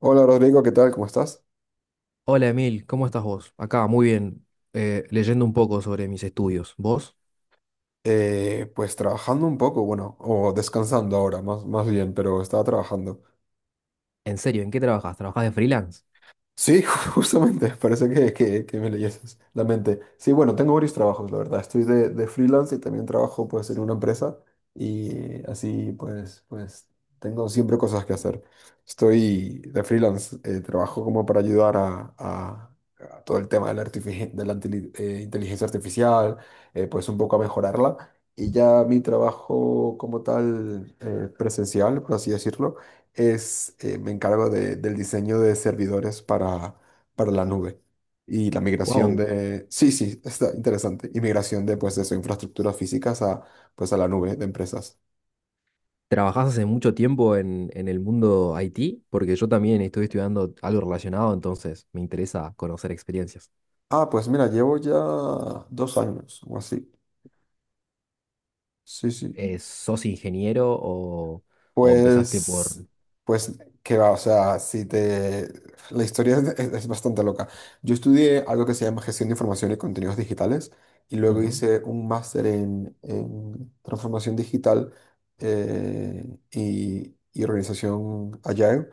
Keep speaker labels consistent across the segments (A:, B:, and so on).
A: Hola Rodrigo, ¿qué tal? ¿Cómo estás?
B: Hola Emil, ¿cómo estás vos? Acá, muy bien, leyendo un poco sobre mis estudios. ¿Vos?
A: Pues trabajando un poco, bueno, o descansando ahora, más bien, pero estaba trabajando.
B: ¿En serio? ¿En qué trabajas? ¿Trabajás de freelance?
A: Sí, justamente, parece que me leyeses la mente. Sí, bueno, tengo varios trabajos, la verdad. Estoy de freelance y también trabajo pues en una empresa. Y así pues tengo siempre cosas que hacer. Estoy de freelance, trabajo como para ayudar a todo el tema de la inteligencia artificial, pues un poco a mejorarla. Y ya mi trabajo como tal, presencial, por así decirlo, es, me encargo del diseño de servidores para la nube y la migración
B: Wow.
A: de, sí, sí, está interesante, y migración de, pues, de sus infraestructuras físicas a, pues, a la nube de empresas.
B: ¿Trabajás hace mucho tiempo en el mundo IT? Porque yo también estoy estudiando algo relacionado, entonces me interesa conocer experiencias.
A: Ah, pues mira, llevo ya 2 años o así. Sí, sí.
B: ¿Sos ingeniero o empezaste por...
A: Pues, pues, qué va, o sea, si te... La historia es bastante loca. Yo estudié algo que se llama Gestión de Información y Contenidos Digitales, y luego
B: Ujú,
A: hice un máster en Transformación Digital, y Organización Agile.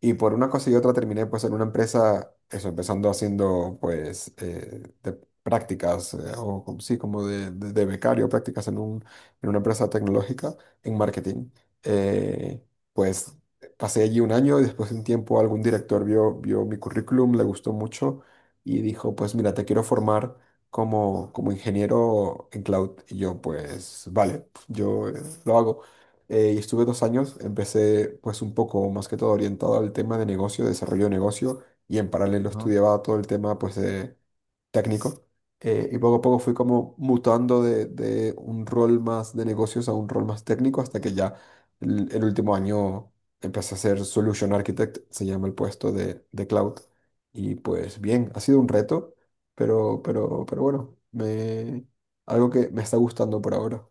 A: Y por una cosa y otra terminé pues en una empresa, eso, empezando haciendo pues de prácticas, sí, como de becario, prácticas en una empresa tecnológica, en marketing. Eh, pues pasé allí un año y después de un tiempo algún director vio mi currículum, le gustó mucho y dijo, pues mira, te quiero formar como ingeniero en cloud. Y yo pues, vale, yo, lo hago. Y estuve 2 años, empecé pues un poco más que todo orientado al tema de negocio, desarrollo de negocio, y en paralelo
B: ajá.
A: estudiaba todo el tema pues de técnico. Y poco a poco fui como mutando de un rol más de negocios a un rol más técnico, hasta que ya el último año empecé a ser Solution Architect, se llama el puesto de cloud. Y pues bien, ha sido un reto, pero bueno, algo que me está gustando por ahora.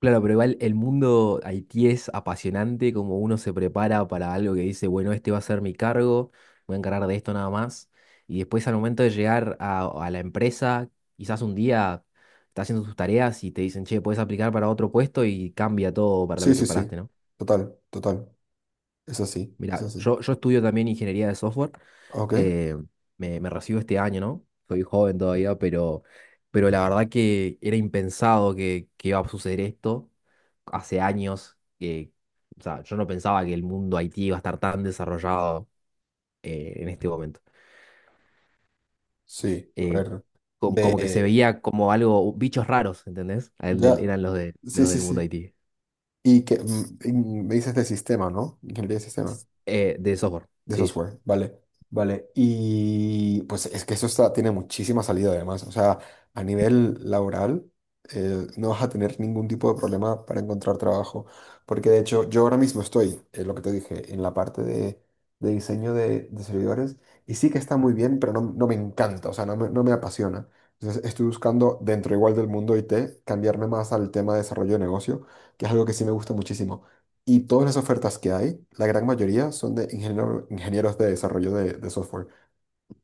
B: Claro, pero igual el mundo Haití es apasionante, como uno se prepara para algo que dice, bueno, este va a ser mi cargo, voy a encargar de esto nada más. Y después al momento de llegar a la empresa, quizás un día estás haciendo tus tareas y te dicen, che, puedes aplicar para otro puesto y cambia todo para lo
A: Sí,
B: que te
A: sí, sí,
B: preparaste, ¿no?
A: total, total. Es así, es
B: Mira,
A: así.
B: yo estudio también ingeniería de software.
A: Ok,
B: eh, me recibo este año, ¿no? Soy joven todavía, pero la verdad que era impensado que iba a suceder esto. Hace años que, o sea, yo no pensaba que el mundo IT iba a estar tan desarrollado en este momento.
A: sí, a
B: Eh,
A: ver.
B: Como, que se
A: De.
B: veía como algo, bichos raros, ¿entendés? A él del-
A: Ya.
B: Eran los, de,
A: Sí,
B: los
A: sí,
B: del mundo
A: sí.
B: IT.
A: Y que me dices de sistema, ¿no? Ingeniería de sistema.
B: De software,
A: De
B: sí.
A: software, vale, vale. Y pues es que eso está, tiene muchísima salida además. O sea, a nivel laboral, no vas a tener ningún tipo de problema para encontrar trabajo. Porque de hecho, yo ahora mismo estoy, lo que te dije, en la parte de diseño de servidores. Y sí que está muy bien, pero no, no me encanta, o sea, no me apasiona. Entonces estoy buscando dentro igual del mundo IT, cambiarme más al tema de desarrollo de negocio, que es algo que sí me gusta muchísimo. Y todas las ofertas que hay, la gran mayoría son de ingenieros de desarrollo de software,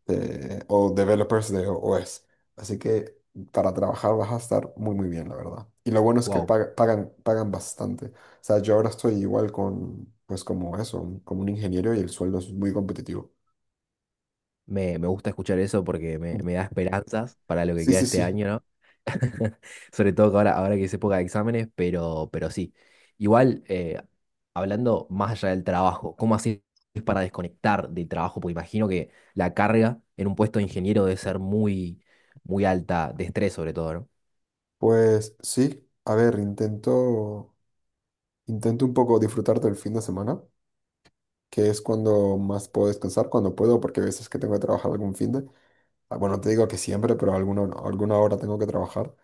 A: o developers de OS. Así que para trabajar vas a estar muy, muy bien, la verdad. Y lo bueno es que
B: Wow.
A: pagan bastante. O sea, yo ahora estoy igual con, pues como eso, como un ingeniero y el sueldo es muy competitivo.
B: Me gusta escuchar eso porque me da esperanzas para lo que
A: Sí,
B: queda
A: sí,
B: este
A: sí.
B: año, ¿no? Sobre todo que ahora, ahora que es época de exámenes, pero sí. Igual, hablando más allá del trabajo, ¿cómo haces para desconectar del trabajo? Porque imagino que la carga en un puesto de ingeniero debe ser muy, muy alta, de estrés sobre todo, ¿no?
A: Pues sí, a ver, intento un poco disfrutar del fin de semana, que es cuando más puedo descansar, cuando puedo, porque a veces que tengo que trabajar algún fin de... ah, bueno, no te digo que siempre, pero alguna hora tengo que trabajar.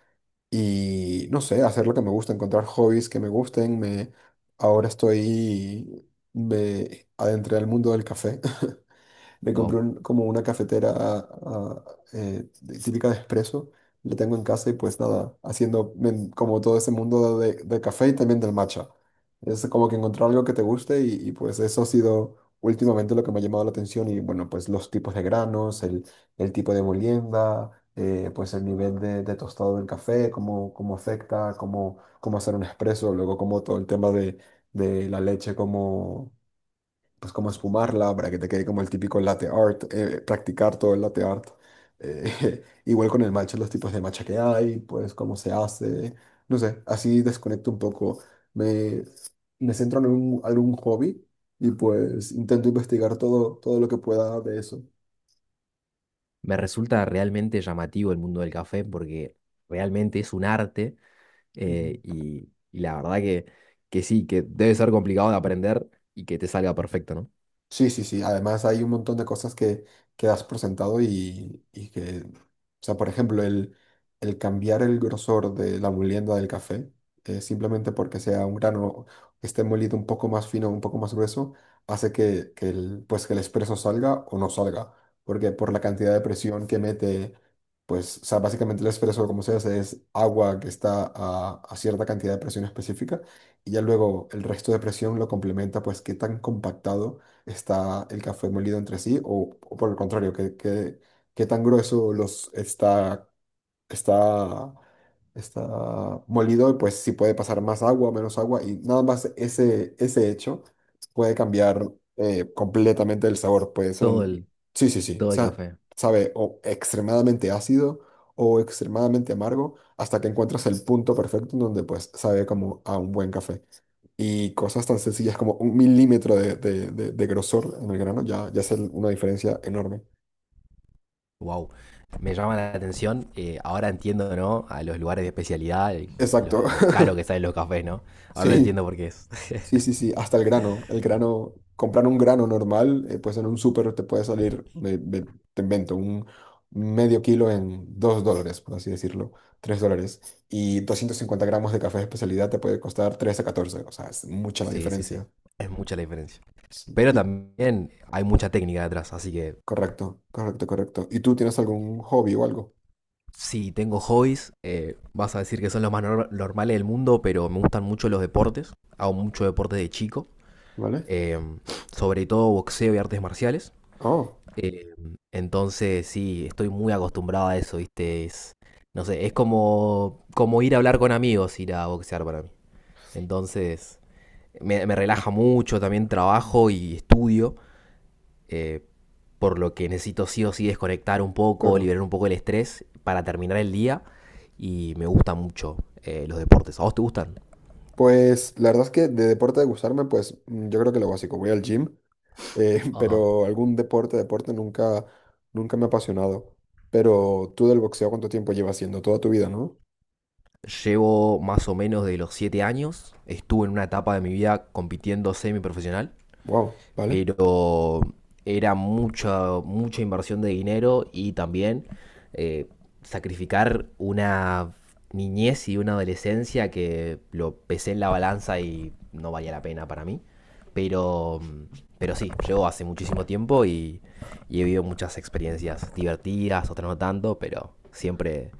A: Y no sé, hacer lo que me gusta, encontrar hobbies que me gusten. Ahora estoy, me adentré al mundo del café. Me compré
B: Wow.
A: como una cafetera, eh, típica de espresso. La tengo en casa y pues nada, haciendo como todo ese mundo de café y también del matcha. Es como que encontrar algo que te guste y, pues eso ha sido últimamente lo que me ha llamado la atención. Y bueno, pues los tipos de granos, el tipo de molienda, pues el nivel de tostado del café, cómo afecta, cómo hacer un espresso, luego como todo el tema de la leche, cómo esfumarla para que te quede como el típico latte art, practicar todo el latte art. Igual con el matcha, los tipos de matcha que hay, pues cómo se hace, no sé, así desconecto un poco, me, me centro en algún hobby y pues intento investigar todo lo que pueda de eso.
B: Me resulta realmente llamativo el mundo del café porque realmente es un arte. Y la verdad que sí, que debe ser complicado de aprender y que te salga perfecto, ¿no?
A: Sí, sí, sí. Además hay un montón de cosas que das por sentado y que, o sea, por ejemplo, el cambiar el grosor de la molienda del café, simplemente porque sea un grano que esté molido un poco más fino, un poco más grueso, hace que el, pues, que el espresso salga o no salga, porque por la cantidad de presión que mete, pues, o sea, básicamente el espresso, como se hace, es agua que está a cierta cantidad de presión específica, y ya luego el resto de presión lo complementa, pues, qué tan compactado está el café molido entre sí, o por el contrario, qué tan grueso los está, está molido, y pues sí puede pasar más agua, menos agua, y nada más ese hecho puede cambiar, completamente el sabor. Puede ser
B: Todo
A: un...
B: el,
A: Sí, sí, sí.
B: todo el café.
A: Sabe o extremadamente ácido o extremadamente amargo hasta que encuentras el punto perfecto en donde pues sabe como a un buen café. Y cosas tan sencillas como un milímetro de grosor en el grano, ya es una diferencia enorme.
B: Wow. Me llama la atención. Ahora entiendo, ¿no? A los lugares de especialidad, el-
A: Exacto.
B: lo caro que salen los cafés, ¿no? Ahora lo
A: Sí.
B: entiendo por qué es.
A: Sí, sí, sí, hasta el grano. El grano, comprar un grano normal, pues en un súper te puede salir, te invento, un medio kilo en $2, por así decirlo, $3. Y 250 gramos de café de especialidad te puede costar 13 a 14. O sea, es mucha la
B: Sí, sí, sí.
A: diferencia.
B: Es mucha la diferencia.
A: Sí.
B: Pero
A: Y,
B: también hay mucha técnica detrás, así que
A: correcto, correcto, correcto. ¿Y tú tienes algún hobby o algo?
B: si tengo hobbies, vas a decir que son los más nor- normales del mundo, pero me gustan mucho los deportes. Hago mucho deporte de chico.
A: ¿Vale?
B: eh, Sobre todo boxeo y artes marciales.
A: Oh,
B: Eh, entonces, sí, estoy muy acostumbrado a eso, ¿viste? Es, no sé, es como, como ir a hablar con amigos, ir a boxear para mí. Entonces, me relaja mucho, también trabajo y estudio, eh, por lo que necesito sí o sí desconectar un poco,
A: claro.
B: liberar un poco el estrés para terminar el día y me gusta mucho los deportes. ¿A vos te gustan?
A: Pues la verdad es que de deporte de gustarme, pues yo creo que lo básico, voy al gym.
B: Ajá.
A: Pero algún deporte nunca me ha apasionado. Pero tú del boxeo, ¿cuánto tiempo llevas haciendo? Toda tu vida, ¿no?
B: Llevo más o menos de los 7 años. Estuve en una etapa de mi vida compitiendo semiprofesional,
A: Wow, ¿vale?
B: pero era mucha, mucha inversión de dinero y también eh, sacrificar una niñez y una adolescencia que lo pesé en la balanza y no valía la pena para mí. Pero, pero sí, llevo hace muchísimo tiempo y he vivido muchas experiencias divertidas, otras no tanto, pero siempre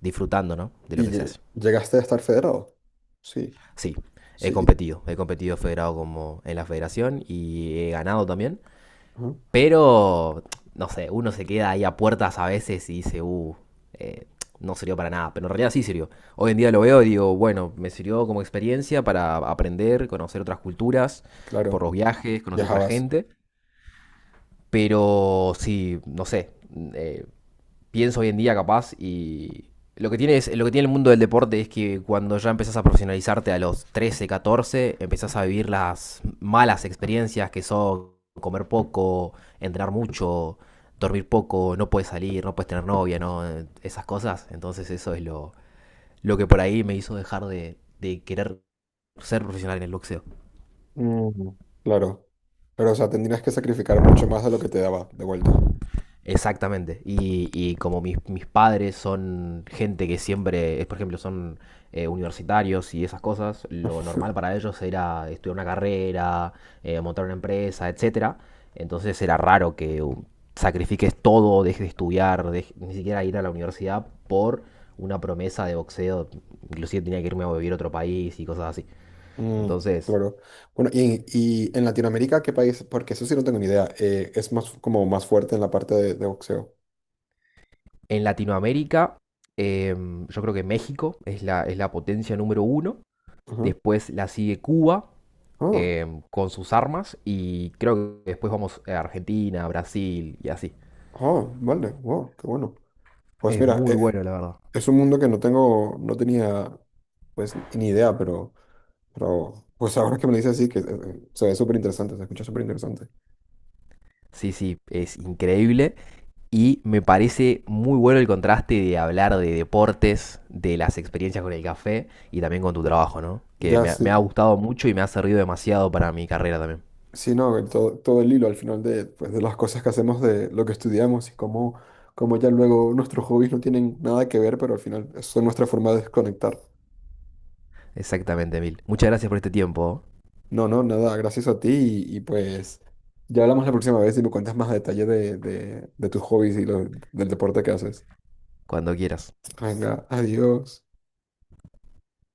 B: disfrutando, ¿no?, de lo
A: ¿Y
B: que se hace.
A: llegaste a estar federado? Sí,
B: Sí, he
A: sí,
B: competido. He competido federado como en la federación y he ganado también.
A: ajá,
B: Pero, no sé, uno se queda ahí a puertas a veces y dice, eh, no sirvió para nada. Pero en realidad sí sirvió. Hoy en día lo veo y digo, bueno, me sirvió como experiencia para aprender, conocer otras culturas, por
A: claro,
B: los viajes, conocer otra
A: viajabas.
B: gente. Pero sí, no sé, eh, pienso hoy en día capaz y lo que tiene es, lo que tiene el mundo del deporte es que cuando ya empezás a profesionalizarte a los 13 14 empezás a vivir las malas experiencias que son comer poco, entrenar mucho, dormir poco, no puedes salir, no puedes tener novia, no esas cosas. Entonces eso es lo que por ahí me hizo dejar de querer ser profesional en el boxeo.
A: Mm, claro, pero o sea, tendrías que sacrificar mucho más de lo que te daba de vuelta.
B: Exactamente. Y como mis, mis padres son gente que siempre, es, por ejemplo, son universitarios y esas cosas, lo normal para ellos era estudiar una carrera, montar una empresa, etcétera. Entonces era raro que sacrifiques todo, dejes de estudiar, dej- ni siquiera ir a la universidad por una promesa de boxeo. Inclusive tenía que irme a vivir a otro país y cosas así.
A: Mm,
B: Entonces,
A: claro. Bueno, y en Latinoamérica, ¿qué país? Porque eso sí no tengo ni idea. Es más como más fuerte en la parte de boxeo?
B: en Latinoamérica, yo creo que México es la potencia número uno.
A: Ajá.
B: Después la sigue Cuba
A: Ah,
B: con sus armas y creo que después vamos a Argentina, Brasil y así.
A: vale, wow, qué bueno. Pues
B: Es
A: mira,
B: muy bueno, la verdad.
A: es un mundo que no tenía pues ni idea, pero, pues ahora que me lo dices así, que se ve súper interesante, se escucha súper interesante.
B: Sí, sí, es increíble. Y me parece muy bueno el contraste de hablar de deportes, de las experiencias con el café y también con tu trabajo, ¿no? Que
A: Ya
B: me
A: sí,
B: ha gustado mucho y me ha servido demasiado para mi carrera también.
A: sí, no, el todo el hilo al final de, pues, de las cosas que hacemos, de lo que estudiamos y cómo ya luego nuestros hobbies no tienen nada que ver, pero al final son nuestra forma de desconectar.
B: Exactamente, Mil. Muchas gracias por este tiempo. ¿Oh?
A: No, no, nada, gracias a ti y, pues ya hablamos la próxima vez y me cuentas más a detalle de tus hobbies y del deporte que haces.
B: Cuando quieras.
A: Venga, adiós.